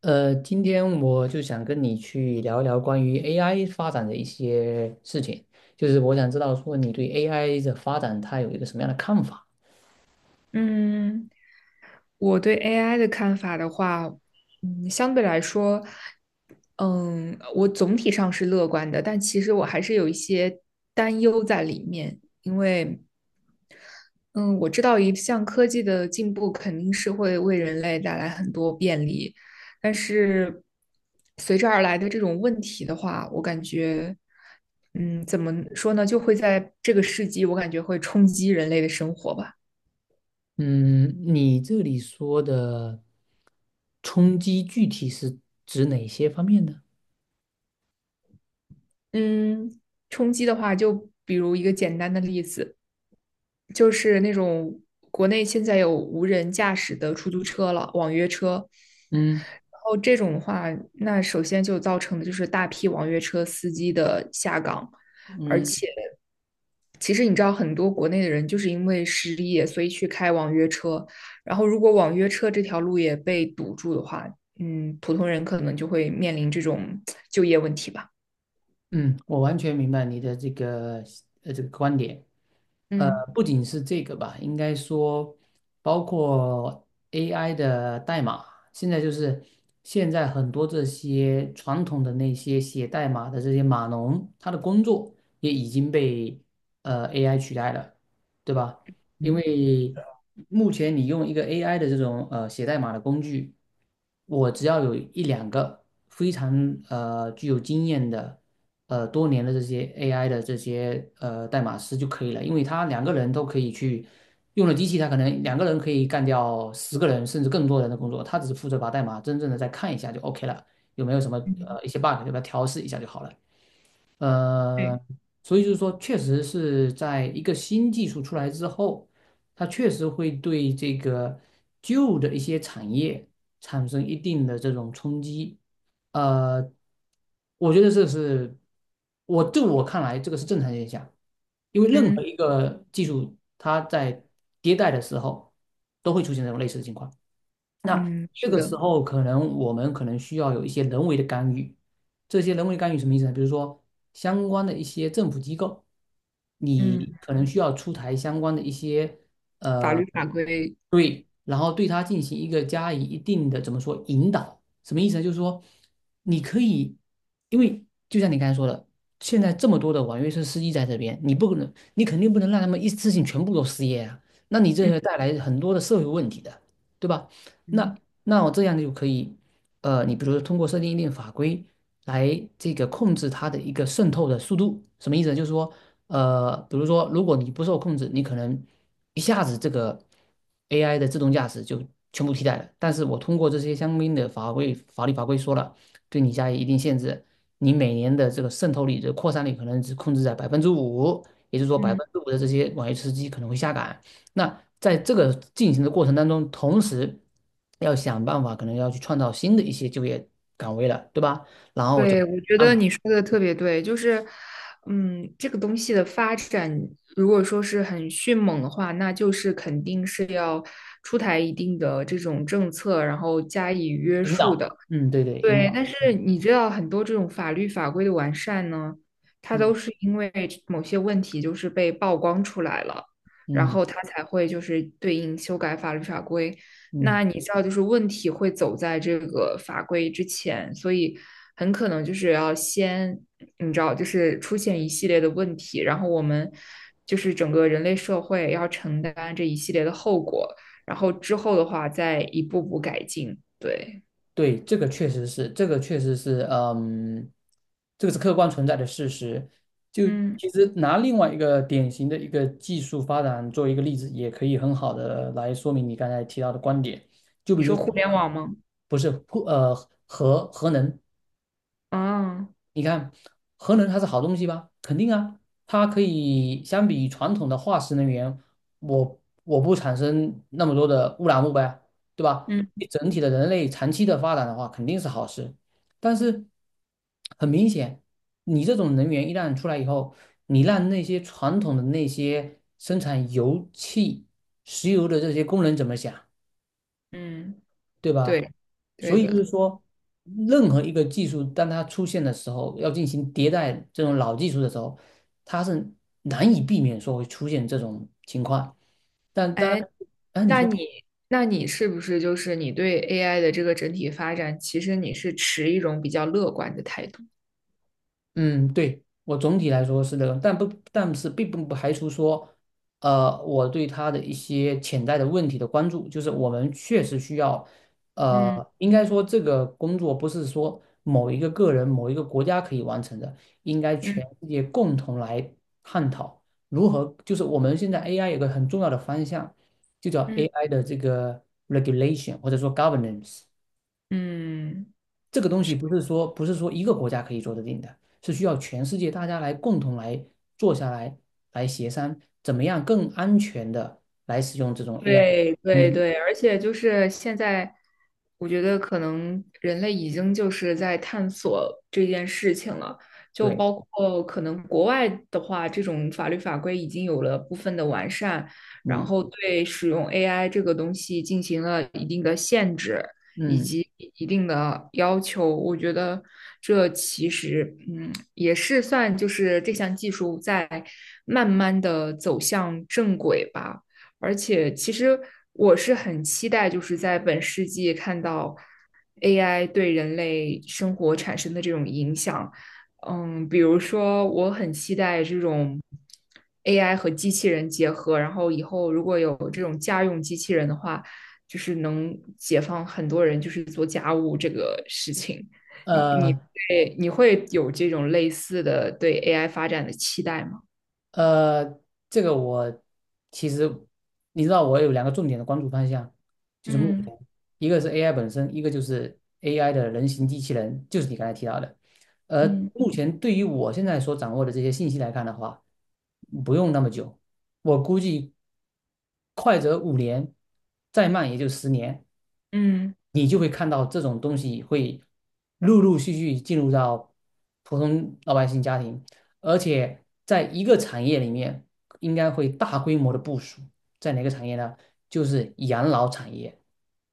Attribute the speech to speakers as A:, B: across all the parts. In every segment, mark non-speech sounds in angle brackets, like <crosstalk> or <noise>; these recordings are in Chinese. A: 今天我就想跟你去聊一聊关于 AI 发展的一些事情，就是我想知道说你对 AI 的发展它有一个什么样的看法？
B: 嗯，我对 AI 的看法的话，相对来说，我总体上是乐观的，但其实我还是有一些担忧在里面，因为，嗯，我知道一项科技的进步肯定是会为人类带来很多便利，但是随之而来的这种问题的话，我感觉，嗯，怎么说呢，就会在这个世纪，我感觉会冲击人类的生活吧。
A: 嗯，你这里说的冲击具体是指哪些方面呢？
B: 嗯，冲击的话，就比如一个简单的例子，就是那种国内现在有无人驾驶的出租车了，网约车。
A: 嗯
B: 然后这种的话，那首先就造成的就是大批网约车司机的下岗，而
A: 嗯
B: 且其实你知道，很多国内的人就是因为失业，所以去开网约车。然后如果网约车这条路也被堵住的话，普通人可能就会面临这种就业问题吧。
A: 嗯，我完全明白你的这个观点。呃，
B: 嗯
A: 不仅是这个吧，应该说包括 AI 的代码，现在就是现在很多这些传统的那些写代码的这些码农，他的工作也已经被AI 取代了，对吧？因
B: 嗯，
A: 为目前你用一个 AI 的这种写代码的工具，我只要有一两个非常具有经验的。多年的这些 AI 的这些代码师就可以了，因为他两个人都可以去用了机器，他可能两个人可以干掉10个人甚至更多人的工作，他只是负责把代码真正的再看一下就 OK 了，有没有什么一些 bug 对吧？调试一下就好了。
B: 对。
A: 呃，所以就是说，确实是在一个新技术出来之后，它确实会对这个旧的一些产业产生一定的这种冲击。呃，我觉得这是我就我看来，这个是正常现象，因为任
B: 嗯
A: 何一个技术它在迭代的时候都会出现这种类似的情况。那
B: 嗯，
A: 这
B: 是
A: 个
B: 的，
A: 时候，我们可能需要有一些人为的干预。这些人为干预什么意思呢？比如说，相关的一些政府机构，
B: 嗯
A: 你可能需要出台相关的一些
B: 法
A: 呃，
B: 律法规，
A: 对，然后对它进行一个加以一定的怎么说引导？什么意思呢？就是说，你可以，因为就像你刚才说的，现在这么多的网约车司机在这边，你肯定不能让他们一次性全部都失业啊，那你这会
B: 嗯
A: 带来很多的社会问题的，对吧？那
B: 嗯
A: 那我这样就可以，你比如说通过设定一定法规来这个控制它的一个渗透的速度，什么意思呢？就是说，比如说如果你不受控制，你可能一下子这个 AI 的自动驾驶就全部替代了。但是我通过这些相应的法律法规说了，对你加以一定限制，你每年的这个渗透率的扩散率可能只控制在百分之五，也就是说百
B: 嗯
A: 分之五的这些网约车司机可能会下岗。那在这个进行的过程当中，同时要想办法，可能要去创造新的一些就业岗位了，对吧？然后我就
B: 对，我觉
A: 安
B: 得
A: 排
B: 你说的特别对，就是,这个东西的发展，如果说是很迅猛的话，那就是肯定是要出台一定的这种政策，然后加以约
A: 引
B: 束
A: 导？
B: 的。
A: 嗯，对对，引
B: 对，
A: 导。
B: 但是
A: 嗯
B: 你知道很多这种法律法规的完善呢，它都
A: 嗯
B: 是因为某些问题就是被曝光出来了，然
A: 嗯
B: 后它才会就是对应修改法律法规。那
A: 嗯，
B: 你知道，就是问题会走在这个法规之前，所以很可能就是要先，你知道，就是出现一系列的问题，然后我们就是整个人类社会要承担这一系列的后果，然后之后的话再一步步改进。对，
A: 对，这个确实是，这个确实是，嗯，这个是客观存在的事实。就
B: 嗯。
A: 其实拿另外一个典型的一个技术发展作为一个例子，也可以很好的来说明你刚才提到的观点。就比
B: 你
A: 如
B: 说
A: 说
B: 互
A: 那
B: 联
A: 个，
B: 网吗？
A: 不是，呃，核能。
B: 啊，
A: 你看，核能它是好东西吧？肯定啊，它可以相比传统的化石能源，我不产生那么多的污染物呗，对吧？
B: 嗯
A: 对整体的人类长期的发展的话，肯定是好事。但是很明显，你这种能源一旦出来以后，你让那些传统的那些生产油气、石油的这些工人怎么想？
B: 嗯，
A: 对吧？
B: 对，
A: 所
B: 对
A: 以就是
B: 的。
A: 说，任何一个技术当它出现的时候，要进行迭代这种老技术的时候，它是难以避免说会出现这种情况。但当然，
B: 哎，
A: 哎，你
B: 那
A: 说。
B: 你那你是不是就是你对 AI 的这个整体发展，其实你是持一种比较乐观的态度？
A: 嗯，对，我总体来说是这个，但是并不排除说，我对他的一些潜在的问题的关注，就是我们确实需要，
B: 嗯
A: 应该说这个工作不是说某一个个人、某一个国家可以完成的，应该
B: 嗯
A: 全世界共同来探讨如何，就是我们现在 AI 有个很重要的方向，就叫
B: 嗯
A: AI 的这个 regulation 或者说 governance。
B: 嗯。
A: 这个东西不是说一个国家可以做得定的，是需要全世界大家来共同来坐下来协商，怎么样更安全的来使用这种 AI
B: 对对
A: 嗯，
B: 对，而且就是现在，我觉得可能人类已经就是在探索这件事情了，就
A: 对，
B: 包括可能国外的话，这种法律法规已经有了部分的完善，然
A: 嗯
B: 后对使用 AI 这个东西进行了一定的限制以
A: 嗯，
B: 及一定的要求。我觉得这其实,也是算就是这项技术在慢慢的走向正轨吧。而且其实我是很期待，就是在本世纪看到 AI 对人类生活产生的这种影响。嗯，比如说，我很期待这种 AI 和机器人结合，然后以后如果有这种家用机器人的话，就是能解放很多人，就是做家务这个事情。你你
A: 呃，
B: 会你会有这种类似的对 AI 发展的期待吗？
A: 呃，这个我其实你知道，我有两个重点的关注方向，就是目
B: 嗯
A: 前一个是 AI 本身，一个就是 AI 的人形机器人，就是你刚才提到的。而
B: 嗯。
A: 目前对于我现在所掌握的这些信息来看的话，不用那么久，我估计快则5年，再慢也就十年。
B: 嗯。
A: 你就会看到这种东西会陆陆续续进入到普通老百姓家庭，而且在一个产业里面，应该会大规模的部署。在哪个产业呢？就是养老产业。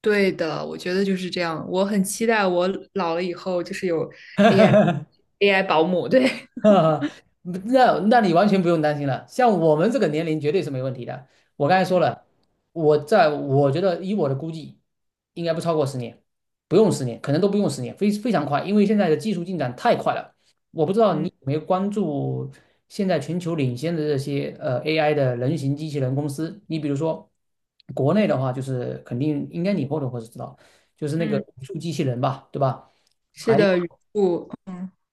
B: 对的，我觉得就是这样。我很期待我老了以后就是有 AI
A: <laughs>
B: AI 保姆，对，
A: <laughs> 那你完全不用担心了，像我们这个年龄绝对是没问题的。我刚才说
B: <laughs>
A: 了，我觉得以我的估计，应该不超过十年，不用十年，可能都不用十年，非常快，因为现在的技术进展太快了。我不知道你
B: 嗯
A: 有没有关注现在全球领先的这些AI 的人形机器人公司，你比如说国内的话，就是肯定应该你或会知道，就是那个
B: 嗯，
A: 语数机器人吧，对吧？
B: 是
A: 还。
B: 的，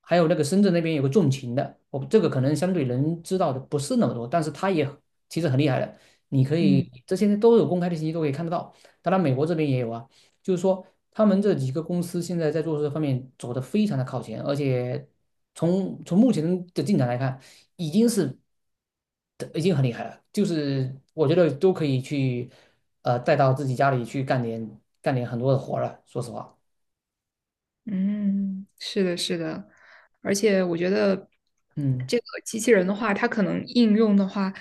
A: 还有那个深圳那边有个纵情的，我这个可能相对人知道的不是那么多，但是他也其实很厉害的。你可以
B: 嗯。
A: 这些都有公开的信息都可以看得到，当然美国这边也有啊。就是说，他们这几个公司现在在做这方面走的非常的靠前，而且从目前的进展来看，已经是已经很厉害了。就是我觉得都可以去带到自己家里去干点很多的活儿了。说实话，
B: 嗯，是的，是的，而且我觉得
A: 嗯，
B: 这个机器人的话，它可能应用的话，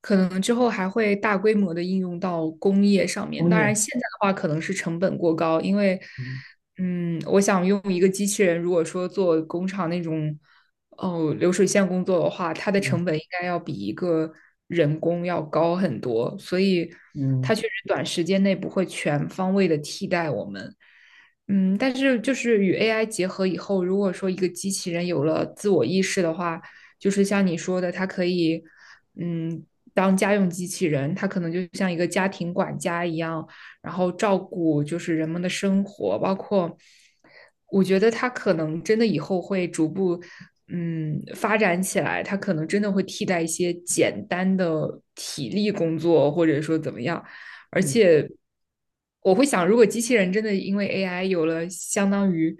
B: 可能之后还会大规模的应用到工业上面。
A: 工
B: 当然，
A: 业，
B: 现在的话可能是成本过高，因为，
A: 嗯
B: 嗯，我想用一个机器人，如果说做工厂那种哦流水线工作的话，它的
A: 嗯
B: 成本应该要比一个人工要高很多，所以它
A: 嗯。
B: 确实短时间内不会全方位的替代我们。嗯，但是就是与 AI 结合以后，如果说一个机器人有了自我意识的话，就是像你说的,它可以，嗯，当家用机器人，它可能就像一个家庭管家一样，然后照顾就是人们的生活，包括我觉得它可能真的以后会逐步发展起来，它可能真的会替代一些简单的体力工作，或者说怎么样。而
A: 嗯，
B: 且我会想，如果机器人真的因为 AI 有了相当于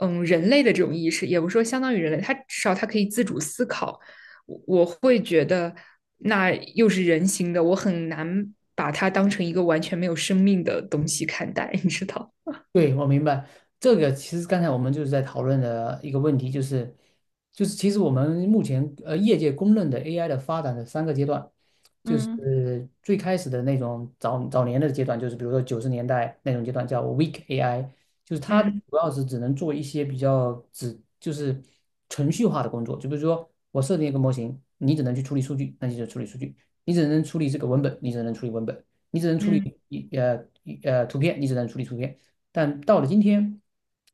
B: 人类的这种意识，也不是说相当于人类，它至少它可以自主思考，我会觉得那又是人形的，我很难把它当成一个完全没有生命的东西看待，你知道？
A: 对，我明白。这个其实刚才我们就是在讨论的一个问题，就是其实我们目前业界公认的 AI 的发展的三个阶段，就
B: 嗯
A: 是最开始的那种早年的阶段，就是比如说90年代那种阶段叫 weak AI，就是它
B: 嗯
A: 主要是只能做一些比较只就是程序化的工作，就比如说我设定一个模型，你只能去处理数据，那你就处理数据；你只能处理这个文本，你只能处理文本。你只能处
B: 嗯，
A: 理一呃一呃图片，你只能处理图片，但到了今天，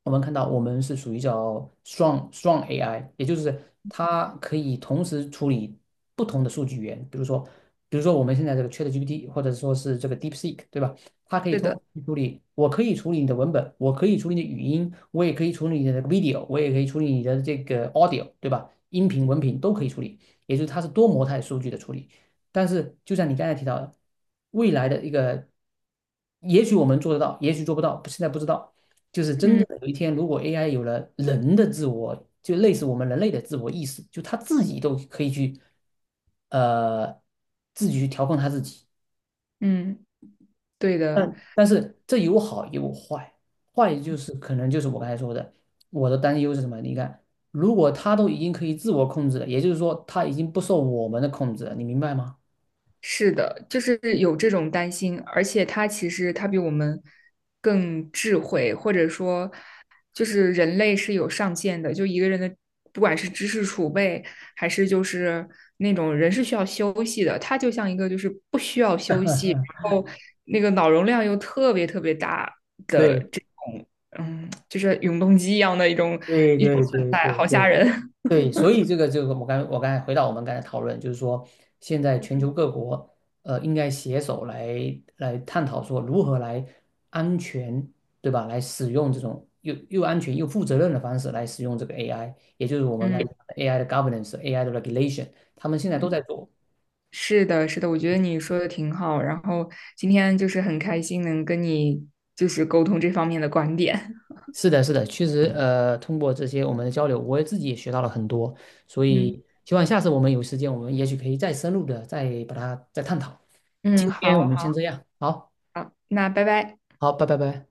A: 我们看到我们是属于叫 strong AI，也就是它可以同时处理不同的数据源，比如说我们现在这个 ChatGPT，或者说是这个 DeepSeek，对吧？它可以
B: 是
A: 同
B: 的，
A: 时处理，我可以处理你的文本，我可以处理你的语音，我也可以处理你的那个 video，我也可以处理你的这个 audio，对吧？音频、文频都可以处理，也就是它是多模态数据的处理。但是就像你刚才提到的，未来的一个，也许我们做得到，也许做不到，现在不知道。就是真
B: 嗯
A: 正的有一天，如果 AI 有了人的自我，就类似我们人类的自我意识，就他自己都可以去，呃，自己去调控他自己。
B: 嗯，对的。
A: 但是这有好也有坏，坏就是可能就是我刚才说的，我的担忧是什么？你看，如果他都已经可以自我控制了，也就是说他已经不受我们的控制了，你明白吗？
B: 是的，就是有这种担心，而且它其实它比我们更智慧，或者说，就是人类是有上限的，就一个人的不管是知识储备，还是就是那种人是需要休息的，他就像一个就是不需要休息，然后那个脑容量又特别特别大的
A: 对，
B: 这种，嗯，就是永动机一样的一种
A: 对
B: 一种
A: 对
B: 存
A: 对
B: 在，
A: 对
B: 好吓
A: 对
B: 人，
A: 对，所以这个，我刚才回到我们刚才讨论，就是说，现在全球各国应该携手来探讨说如何来安全，对吧？来使用这种又安全又负责任的方式来使用这个 AI，也就是我
B: <laughs>
A: 们刚才
B: 嗯。
A: 讲的 AI 的 governance、AI 的 regulation，他们现在都在做。
B: 是的，是的，我觉得你说的挺好。然后今天就是很开心能跟你就是沟通这方面的观点。<laughs>
A: 是的，是的，确实，通过这些我们的交流，我也自己也学到了很多，所
B: 嗯
A: 以希望下次我们有时间，我们也许可以再深入的再把它再探讨。今
B: 嗯，
A: 天我
B: 好
A: 们
B: 好，
A: 先这样，好，
B: 那拜拜。
A: 好，拜拜拜。